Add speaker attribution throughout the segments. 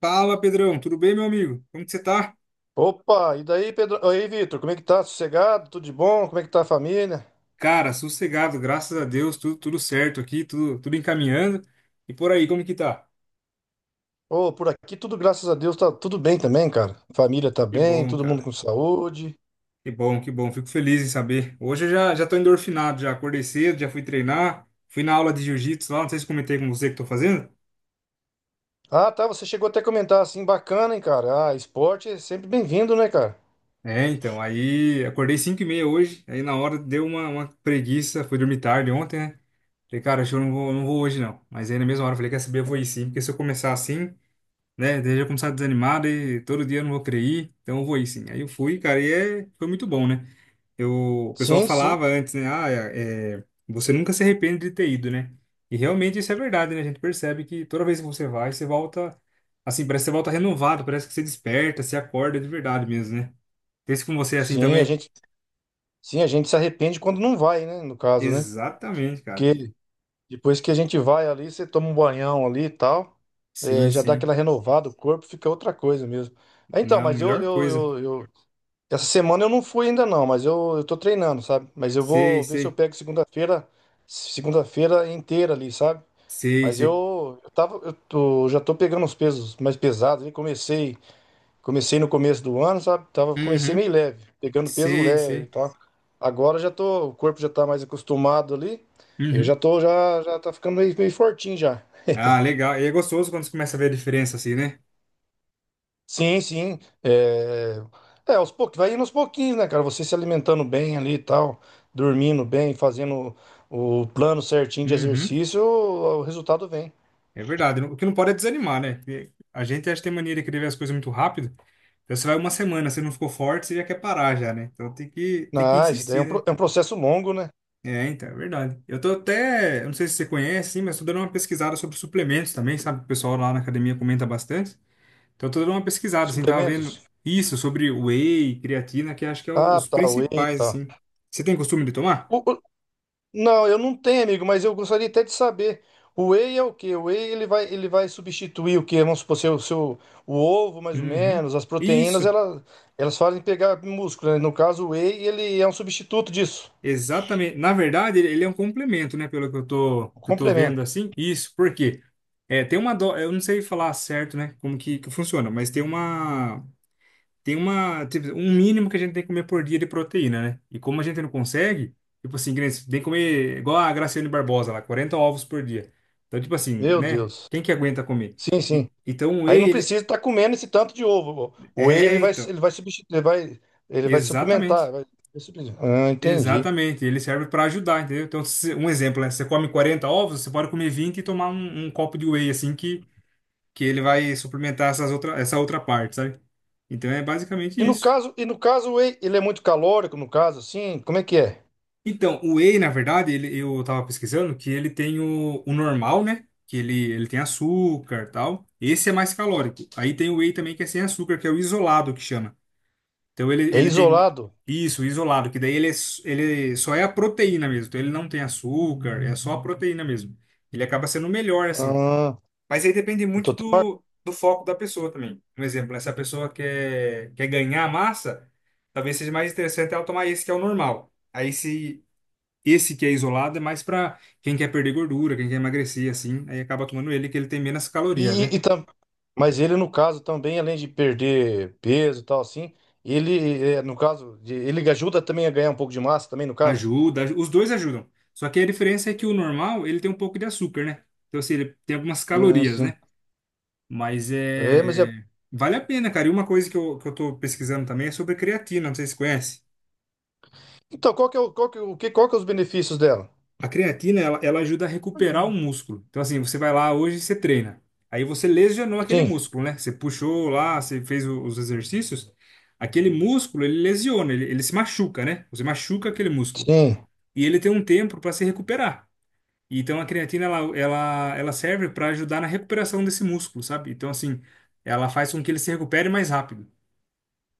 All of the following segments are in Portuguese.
Speaker 1: Fala, Pedrão, tudo bem, meu amigo? Como que você tá?
Speaker 2: Opa, e daí, Pedro? Oi, Vitor, como é que tá? Sossegado? Tudo de bom? Como é que tá a família?
Speaker 1: Cara, sossegado, graças a Deus, tudo certo aqui, tudo encaminhando. E por aí, como que tá?
Speaker 2: Ô, por aqui tudo, graças a Deus, tá tudo bem também, cara. Família tá
Speaker 1: Que
Speaker 2: bem,
Speaker 1: bom,
Speaker 2: todo mundo
Speaker 1: cara.
Speaker 2: com saúde.
Speaker 1: Que bom, que bom. Fico feliz em saber. Hoje eu já tô endorfinado, já acordei cedo, já fui treinar, fui na aula de jiu-jitsu lá, não sei se comentei com você que tô fazendo.
Speaker 2: Ah, tá, você chegou até a comentar assim, bacana, hein, cara? Ah, esporte é sempre bem-vindo, né, cara?
Speaker 1: É, então, aí acordei 5:30 hoje, aí na hora deu uma preguiça, fui dormir tarde ontem, né? Falei, cara, acho que eu não vou, não vou hoje não. Mas aí na mesma hora eu falei, quer saber, eu vou ir sim, porque se eu começar assim. Né? Daí já começar desanimado e todo dia eu não vou querer ir, então eu vou ir sim. Aí eu fui, cara, e é, foi muito bom, né? Eu, o pessoal
Speaker 2: Sim, sim.
Speaker 1: falava antes, né? Ah, você nunca se arrepende de ter ido, né? E realmente isso é verdade, né? A gente percebe que toda vez que você vai, você volta, assim, parece que você volta renovado, parece que você desperta, se acorda de verdade mesmo, né? Pense com você é assim
Speaker 2: Sim,
Speaker 1: também.
Speaker 2: sim, a gente se arrepende quando não vai, né, no caso, né?
Speaker 1: Exatamente, cara.
Speaker 2: Porque depois que a gente vai ali, você toma um banhão ali e tal, é,
Speaker 1: Sim,
Speaker 2: já dá
Speaker 1: sim.
Speaker 2: aquela renovada, o corpo fica outra coisa mesmo. Ah, Então,
Speaker 1: Não,
Speaker 2: mas eu,
Speaker 1: melhor
Speaker 2: eu,
Speaker 1: coisa.
Speaker 2: eu, eu, Essa semana eu não fui ainda não, mas eu tô treinando, sabe? Mas eu
Speaker 1: Sei,
Speaker 2: vou ver se eu
Speaker 1: sei.
Speaker 2: pego segunda-feira, segunda-feira inteira ali, sabe?
Speaker 1: Sei,
Speaker 2: Mas
Speaker 1: sei.
Speaker 2: eu já tô pegando os pesos mais pesados ali, comecei no começo do ano, sabe? Comecei
Speaker 1: Uhum.
Speaker 2: meio leve, pegando peso
Speaker 1: Sei,
Speaker 2: leve e
Speaker 1: sei.
Speaker 2: tal. Agora o corpo já tá mais acostumado ali, eu já
Speaker 1: Uhum.
Speaker 2: tô, já, já tá ficando meio fortinho já.
Speaker 1: Ah, legal. E é gostoso quando você começa a ver a diferença, assim, né?
Speaker 2: Sim, sim. É, aos poucos, vai indo aos pouquinhos, né, cara? Você se alimentando bem ali e tal, dormindo bem, fazendo o plano certinho de
Speaker 1: Uhum.
Speaker 2: exercício, o resultado vem.
Speaker 1: É verdade. O que não pode é desanimar, né? Porque a gente acha que tem mania de querer ver as coisas muito rápido. Então você vai uma semana, você não ficou forte, você já quer parar já, né? Então tem que
Speaker 2: Ah, isso daí
Speaker 1: insistir, né?
Speaker 2: é um processo longo, né?
Speaker 1: É, então, é verdade. Eu tô até, eu não sei se você conhece, sim, mas tô dando uma pesquisada sobre suplementos também, sabe? O pessoal lá na academia comenta bastante. Então eu tô dando uma pesquisada, assim, tava vendo
Speaker 2: Suplementos?
Speaker 1: isso sobre whey, creatina, que acho que
Speaker 2: Ah,
Speaker 1: os
Speaker 2: tá, whey e
Speaker 1: principais,
Speaker 2: tal.
Speaker 1: assim. Você tem costume de tomar?
Speaker 2: O- o- não, eu não tenho, amigo, mas eu gostaria até de saber. O whey é o quê? O whey ele vai substituir o quê? Vamos supor, o ovo, mais ou
Speaker 1: Uhum.
Speaker 2: menos, as proteínas,
Speaker 1: Isso.
Speaker 2: elas fazem pegar músculo, né? No caso, o whey, ele é um substituto disso.
Speaker 1: Exatamente. Na verdade, ele é um complemento, né? Pelo que eu tô,
Speaker 2: O
Speaker 1: que eu tô vendo
Speaker 2: complemento.
Speaker 1: assim. Isso, por quê? É, tem uma do. Eu não sei falar certo, né? Como que funciona, mas tem uma. Tem uma. Tipo, um mínimo que a gente tem que comer por dia de proteína, né? E como a gente não consegue, tipo assim, que nem tem que comer igual a Graciane Barbosa lá, 40 ovos por dia. Então, tipo assim,
Speaker 2: Meu
Speaker 1: né?
Speaker 2: Deus.
Speaker 1: Quem que aguenta comer?
Speaker 2: Sim, sim.
Speaker 1: E, então o whey,
Speaker 2: Aí não
Speaker 1: ele.
Speaker 2: precisa estar comendo esse tanto de ovo. O whey ele
Speaker 1: É,
Speaker 2: vai,
Speaker 1: então.
Speaker 2: ele vai substituir, ele vai suplementar.
Speaker 1: Exatamente.
Speaker 2: Vai suplementar. Ah, entendi.
Speaker 1: Exatamente, ele serve para ajudar, entendeu? Então, se- um exemplo, né? Você come 40 ovos, você pode comer 20 e tomar um copo de whey, assim, que ele vai suplementar essa outra parte, sabe? Então, é basicamente
Speaker 2: E no
Speaker 1: isso.
Speaker 2: caso, e no caso, o whey, ele é muito calórico, no caso, assim, como é que é?
Speaker 1: Então, o whey, na verdade, ele, eu tava pesquisando que ele tem o normal, né? Que ele tem açúcar e tal. Esse é mais calórico. Aí tem o whey também que é sem açúcar, que é o isolado, que chama. Então ele,
Speaker 2: É
Speaker 1: ele tem
Speaker 2: isolado?
Speaker 1: isso, isolado, que daí ele, ele só é a proteína mesmo. Então ele não tem açúcar, é só a proteína mesmo. Ele acaba sendo melhor, assim.
Speaker 2: Ah,
Speaker 1: Mas aí depende
Speaker 2: eu
Speaker 1: muito
Speaker 2: tô tendo.
Speaker 1: do foco da pessoa também. Um exemplo, né? Se a pessoa quer, quer ganhar massa, talvez seja mais interessante ela tomar esse que é o normal. Aí se esse que é isolado é mais para quem quer perder gordura, quem quer emagrecer, assim. Aí acaba tomando ele que ele tem menos calorias, né?
Speaker 2: E, e tam- Mas ele, no caso, também, além de perder peso e tal, assim, ele, no caso, ele ajuda também a ganhar um pouco de massa, também, no caso?
Speaker 1: Ajuda, os dois ajudam. Só que a diferença é que o normal, ele tem um pouco de açúcar, né? Então, assim, ele tem algumas
Speaker 2: Ah,
Speaker 1: calorias,
Speaker 2: sim.
Speaker 1: né? Mas
Speaker 2: É, mas é.
Speaker 1: é. Vale a pena, cara. E uma coisa que eu tô pesquisando também é sobre creatina, não sei se você conhece.
Speaker 2: Então, qual que é os benefícios dela?
Speaker 1: A creatina, ela ajuda a recuperar o músculo. Então, assim, você vai lá hoje e você treina. Aí você lesionou aquele
Speaker 2: Sim,
Speaker 1: músculo, né? Você puxou lá, você fez os exercícios. Aquele músculo, ele lesiona, ele se machuca, né? Você machuca aquele músculo.
Speaker 2: sim.
Speaker 1: E ele tem um tempo para se recuperar. Então a creatina ela serve para ajudar na recuperação desse músculo, sabe? Então assim, ela faz com que ele se recupere mais rápido.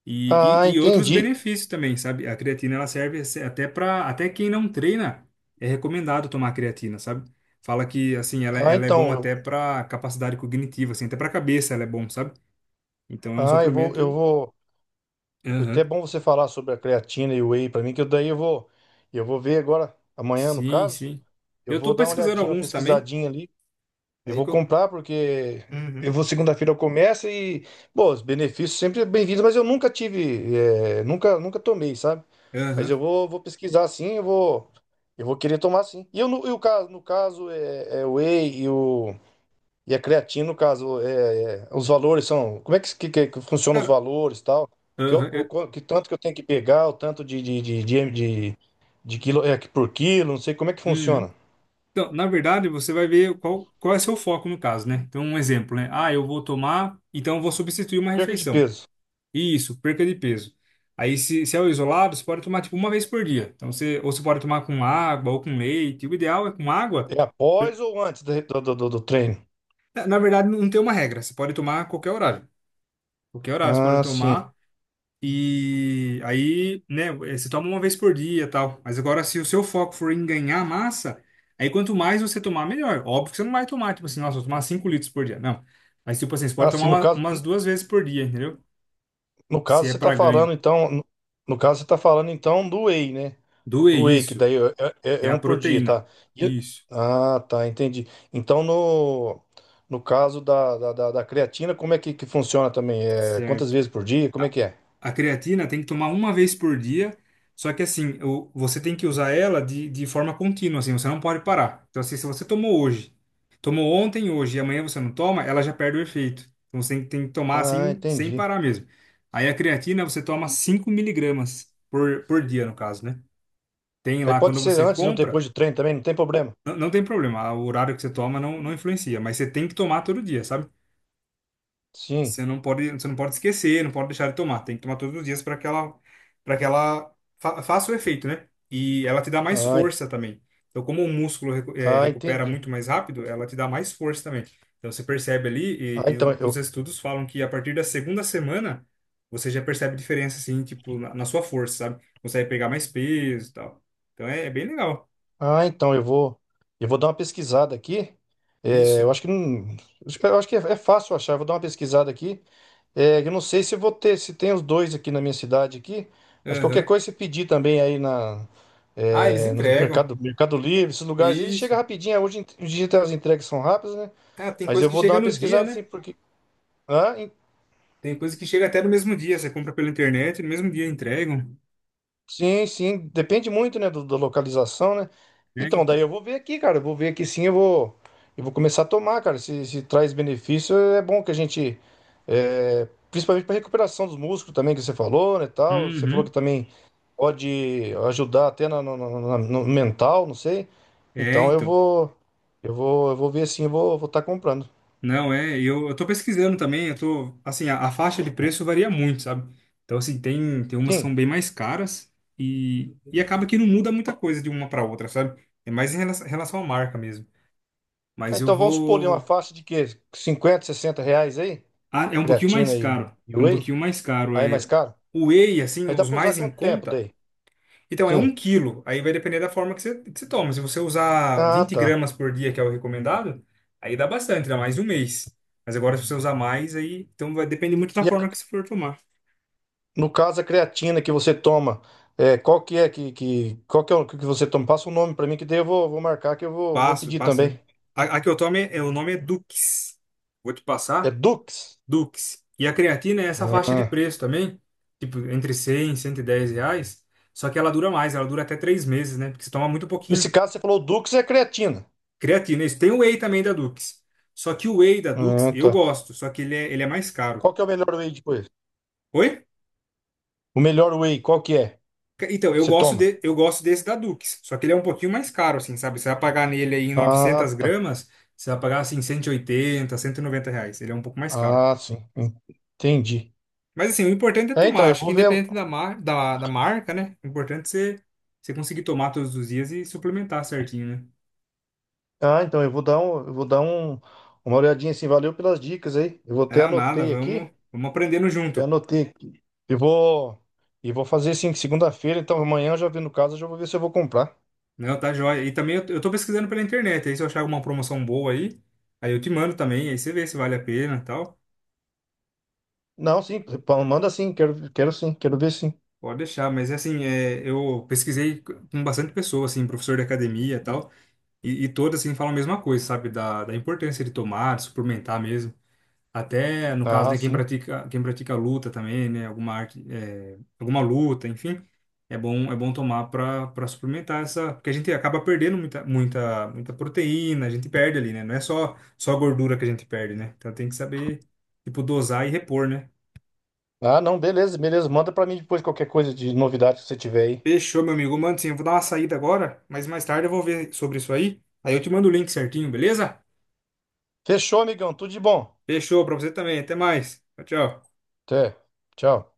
Speaker 1: E,
Speaker 2: Ah,
Speaker 1: e, e outros
Speaker 2: entendi.
Speaker 1: benefícios também, sabe? A creatina ela serve até para até quem não treina é recomendado tomar creatina, sabe? Fala que assim ela,
Speaker 2: Ah,
Speaker 1: ela é
Speaker 2: então,
Speaker 1: bom até para capacidade cognitiva, assim, até para cabeça ela é bom, sabe? Então é um
Speaker 2: eu vou, eu
Speaker 1: suplemento.
Speaker 2: vou. Foi até
Speaker 1: Aham.
Speaker 2: bom você falar sobre a creatina e o whey para mim, que eu daí eu vou, ver agora, amanhã no
Speaker 1: Sim,
Speaker 2: caso,
Speaker 1: sim.
Speaker 2: eu
Speaker 1: Eu
Speaker 2: vou
Speaker 1: tô
Speaker 2: dar uma
Speaker 1: pesquisando
Speaker 2: olhadinha, uma
Speaker 1: alguns também.
Speaker 2: pesquisadinha ali, e
Speaker 1: Aí
Speaker 2: vou
Speaker 1: que eu.
Speaker 2: comprar porque eu
Speaker 1: Uhum.
Speaker 2: vou segunda-feira eu começo e, bom, os benefícios sempre bem-vindos, mas eu nunca tive, nunca tomei, sabe? Mas
Speaker 1: Aham.
Speaker 2: eu vou pesquisar sim, eu vou querer tomar sim. E eu no, no caso é o whey e o. E a creatina, no caso, os valores são. Como é que funciona os
Speaker 1: Cara,
Speaker 2: valores e tal?
Speaker 1: aham,
Speaker 2: Que tanto que eu tenho que pegar, o tanto de- de quilo é, por quilo, não sei como é que
Speaker 1: uhum.
Speaker 2: funciona.
Speaker 1: Então, na verdade, você vai ver qual é seu foco no caso, né? Então, um exemplo, né? Ah, eu vou tomar, então eu vou substituir uma
Speaker 2: Perca de
Speaker 1: refeição.
Speaker 2: peso.
Speaker 1: Isso, perca de peso. Aí, se é o isolado, você pode tomar tipo uma vez por dia. Então, você, ou você pode tomar com água ou com leite. O ideal é com água.
Speaker 2: É
Speaker 1: Porque-
Speaker 2: após ou antes do treino?
Speaker 1: Na verdade, não tem uma regra. Você pode tomar a qualquer horário. Qualquer horário você pode
Speaker 2: Ah, sim.
Speaker 1: tomar. E aí, né, eh, você toma uma vez por dia, e tal. Mas agora, se o seu foco for em ganhar massa, aí quanto mais você tomar, melhor. Óbvio que você não vai tomar, tipo assim, nossa, eu vou tomar 5 litros por dia. Não. Mas, tipo assim, você
Speaker 2: Ah,
Speaker 1: pode
Speaker 2: sim,
Speaker 1: tomar
Speaker 2: no caso,
Speaker 1: umas duas vezes por dia, entendeu?
Speaker 2: no
Speaker 1: Se
Speaker 2: caso
Speaker 1: é
Speaker 2: você está
Speaker 1: para ganho.
Speaker 2: falando, então. No, no caso, você está falando então do whey, né?
Speaker 1: Do é
Speaker 2: Do Wake,
Speaker 1: isso.
Speaker 2: daí é, é-
Speaker 1: É
Speaker 2: é
Speaker 1: a
Speaker 2: um por dia, tá?
Speaker 1: proteína.
Speaker 2: E eu-
Speaker 1: Isso.
Speaker 2: Ah, tá, entendi. Então, no caso da creatina, como é que funciona também? Quantas
Speaker 1: Certo.
Speaker 2: vezes por dia? Como é que é?
Speaker 1: A creatina tem que tomar uma vez por dia, só que assim, você tem que usar ela de forma contínua, assim, você não pode parar. Então, assim, se você tomou hoje, tomou ontem, hoje e amanhã você não toma, ela já perde o efeito. Então, você tem que tomar
Speaker 2: Ah,
Speaker 1: assim, sem
Speaker 2: entendi.
Speaker 1: parar mesmo. Aí a creatina você toma 5 mg por dia, no caso, né? Tem
Speaker 2: Daí
Speaker 1: lá
Speaker 2: pode
Speaker 1: quando
Speaker 2: ser
Speaker 1: você
Speaker 2: antes ou
Speaker 1: compra,
Speaker 2: depois do treino também, não tem problema.
Speaker 1: não, não tem problema, o horário que você toma não influencia, mas você tem que tomar todo dia, sabe?
Speaker 2: Sim.
Speaker 1: Você não pode esquecer, não pode deixar de tomar. Tem que tomar todos os dias para que ela, faça o efeito, né? E ela te dá mais
Speaker 2: Ah, en-
Speaker 1: força também. Então, como o músculo
Speaker 2: ah,
Speaker 1: recupera
Speaker 2: entendi.
Speaker 1: muito mais rápido, ela te dá mais força também. Então, você percebe ali,
Speaker 2: Ah,
Speaker 1: e
Speaker 2: então
Speaker 1: os
Speaker 2: eu,
Speaker 1: estudos falam que a partir da segunda semana, você já percebe diferença, assim, tipo, na sua força, sabe? Consegue pegar mais peso e tal. Então, é, é bem legal.
Speaker 2: ah, então, eu vou dar uma pesquisada aqui. É,
Speaker 1: Isso.
Speaker 2: eu acho que não, eu acho que é fácil achar. Eu vou dar uma pesquisada aqui. É, eu não sei se vou ter, se tem os dois aqui na minha cidade aqui, mas qualquer
Speaker 1: Aham.
Speaker 2: coisa você pedir também aí
Speaker 1: Ah, eles
Speaker 2: no
Speaker 1: entregam.
Speaker 2: Mercado Livre, esses lugares, ele chega
Speaker 1: Isso.
Speaker 2: rapidinho, hoje em dia as entregas são rápidas, né?
Speaker 1: Ah, tem
Speaker 2: Mas
Speaker 1: coisa
Speaker 2: eu
Speaker 1: que
Speaker 2: vou dar
Speaker 1: chega
Speaker 2: uma
Speaker 1: no
Speaker 2: pesquisada
Speaker 1: dia, né?
Speaker 2: assim, porque. Hã?
Speaker 1: Tem coisa que chega até no mesmo dia, você compra pela internet, no mesmo dia entregam.
Speaker 2: Sim, sim, depende muito, né, da localização, né?
Speaker 1: É,
Speaker 2: Então,
Speaker 1: então.
Speaker 2: daí eu vou ver aqui, cara, eu vou ver aqui sim, eu vou começar a tomar, cara, se traz benefício, é bom que a gente, é, principalmente para recuperação dos músculos também, que você falou, né, tal, você falou que
Speaker 1: Uhum.
Speaker 2: também pode ajudar até no mental, não sei,
Speaker 1: É,
Speaker 2: então eu
Speaker 1: então.
Speaker 2: vou, eu vou, eu vou ver sim, vou estar comprando.
Speaker 1: Não, é, e eu tô pesquisando também, eu tô, assim, a faixa de preço varia muito, sabe? Então, assim, tem umas que
Speaker 2: Sim.
Speaker 1: são bem mais caras e acaba que não muda muita coisa de uma para outra, sabe? É mais em relação, relação à marca mesmo.
Speaker 2: Ah,
Speaker 1: Mas eu
Speaker 2: então vamos supor ali uma
Speaker 1: vou.
Speaker 2: faixa de quê? 50, 60 reais aí?
Speaker 1: Ah, é um pouquinho mais
Speaker 2: Creatina e,
Speaker 1: caro.
Speaker 2: e
Speaker 1: É um
Speaker 2: whey?
Speaker 1: pouquinho mais caro.
Speaker 2: Aí é mais
Speaker 1: É,
Speaker 2: caro?
Speaker 1: o whey, assim,
Speaker 2: Mas dá
Speaker 1: os
Speaker 2: pra usar
Speaker 1: mais em
Speaker 2: quanto tempo
Speaker 1: conta.
Speaker 2: daí?
Speaker 1: Então, é um
Speaker 2: Sim.
Speaker 1: quilo. Aí vai depender da forma que você toma. Se você usar
Speaker 2: Ah,
Speaker 1: 20
Speaker 2: tá.
Speaker 1: gramas por dia, que é o recomendado, aí dá bastante, dá mais de um mês. Mas agora, se você usar mais, aí. Então, vai depender muito da
Speaker 2: E a-
Speaker 1: forma que você for tomar.
Speaker 2: no caso, a creatina que você toma, qual que é o que você toma? Passa o nome pra mim que daí eu vou marcar que eu vou
Speaker 1: Passo,
Speaker 2: pedir
Speaker 1: passo, né?
Speaker 2: também.
Speaker 1: A que eu tomo, é, é- o nome é Dux. Vou te
Speaker 2: É
Speaker 1: passar.
Speaker 2: Dux?
Speaker 1: Dux. E a creatina é essa faixa de
Speaker 2: Ah.
Speaker 1: preço também. Tipo, entre 100 e R$ 110. Só que ela dura mais, ela dura até 3 meses, né? Porque você toma muito
Speaker 2: Nesse
Speaker 1: pouquinho.
Speaker 2: caso, você falou Dux é creatina.
Speaker 1: Creatina, isso. Tem o whey também da Dux. Só que o whey da Dux
Speaker 2: Ah,
Speaker 1: eu
Speaker 2: tá.
Speaker 1: gosto, só que ele é mais caro.
Speaker 2: Qual que é o melhor whey depois?
Speaker 1: Oi?
Speaker 2: O melhor whey, qual que é?
Speaker 1: Então,
Speaker 2: Que você toma?
Speaker 1: eu gosto desse da Dux, só que ele é um pouquinho mais caro, assim, sabe? Você vai pagar nele aí em
Speaker 2: Ah,
Speaker 1: 900
Speaker 2: tá.
Speaker 1: gramas, você vai pagar, assim, 180, R$ 190. Ele é um pouco mais caro.
Speaker 2: Ah, sim. Entendi.
Speaker 1: Mas, assim, o importante é
Speaker 2: É, então,
Speaker 1: tomar.
Speaker 2: eu
Speaker 1: Acho que
Speaker 2: vou ver.
Speaker 1: independente da, da marca, né? O importante é você, você conseguir tomar todos os dias e suplementar certinho, né?
Speaker 2: Ah, então, eu vou dar uma olhadinha assim. Valeu pelas dicas aí. Eu vou até
Speaker 1: É, nada,
Speaker 2: anotei
Speaker 1: vamos,
Speaker 2: aqui.
Speaker 1: vamos aprendendo
Speaker 2: Eu
Speaker 1: junto.
Speaker 2: anotei aqui. E vou, e vou fazer sim, segunda-feira, então amanhã eu já vi no caso, eu já vou ver se eu vou comprar.
Speaker 1: Não, tá joia. E também eu tô pesquisando pela internet, aí se eu achar alguma promoção boa aí, aí eu te mando também, aí você vê se vale a pena e tal.
Speaker 2: Não, sim, manda sim, quero sim, quero ver sim.
Speaker 1: Pode deixar, mas assim, é, eu pesquisei com bastante pessoa, assim, professor de academia e tal, e todas, assim, falam a mesma coisa, sabe? Da importância de tomar, de suplementar mesmo. Até no caso
Speaker 2: Ah,
Speaker 1: de
Speaker 2: sim.
Speaker 1: quem pratica luta também, né? Alguma arte, é, alguma luta, enfim, é bom tomar para suplementar essa, porque a gente acaba perdendo muita, muita, muita proteína, a gente perde ali, né? Não é só a gordura que a gente perde, né? Então tem que saber tipo dosar e repor, né?
Speaker 2: Ah, não, beleza, beleza. Manda pra mim depois qualquer coisa de novidade que você tiver aí.
Speaker 1: Fechou, meu amigo. Mano, sim, eu vou dar uma saída agora, mas mais tarde eu vou ver sobre isso aí. Aí eu te mando o link certinho, beleza?
Speaker 2: Fechou, amigão, tudo de bom.
Speaker 1: Fechou para você também. Até mais. Tchau, tchau.
Speaker 2: Até. Tchau.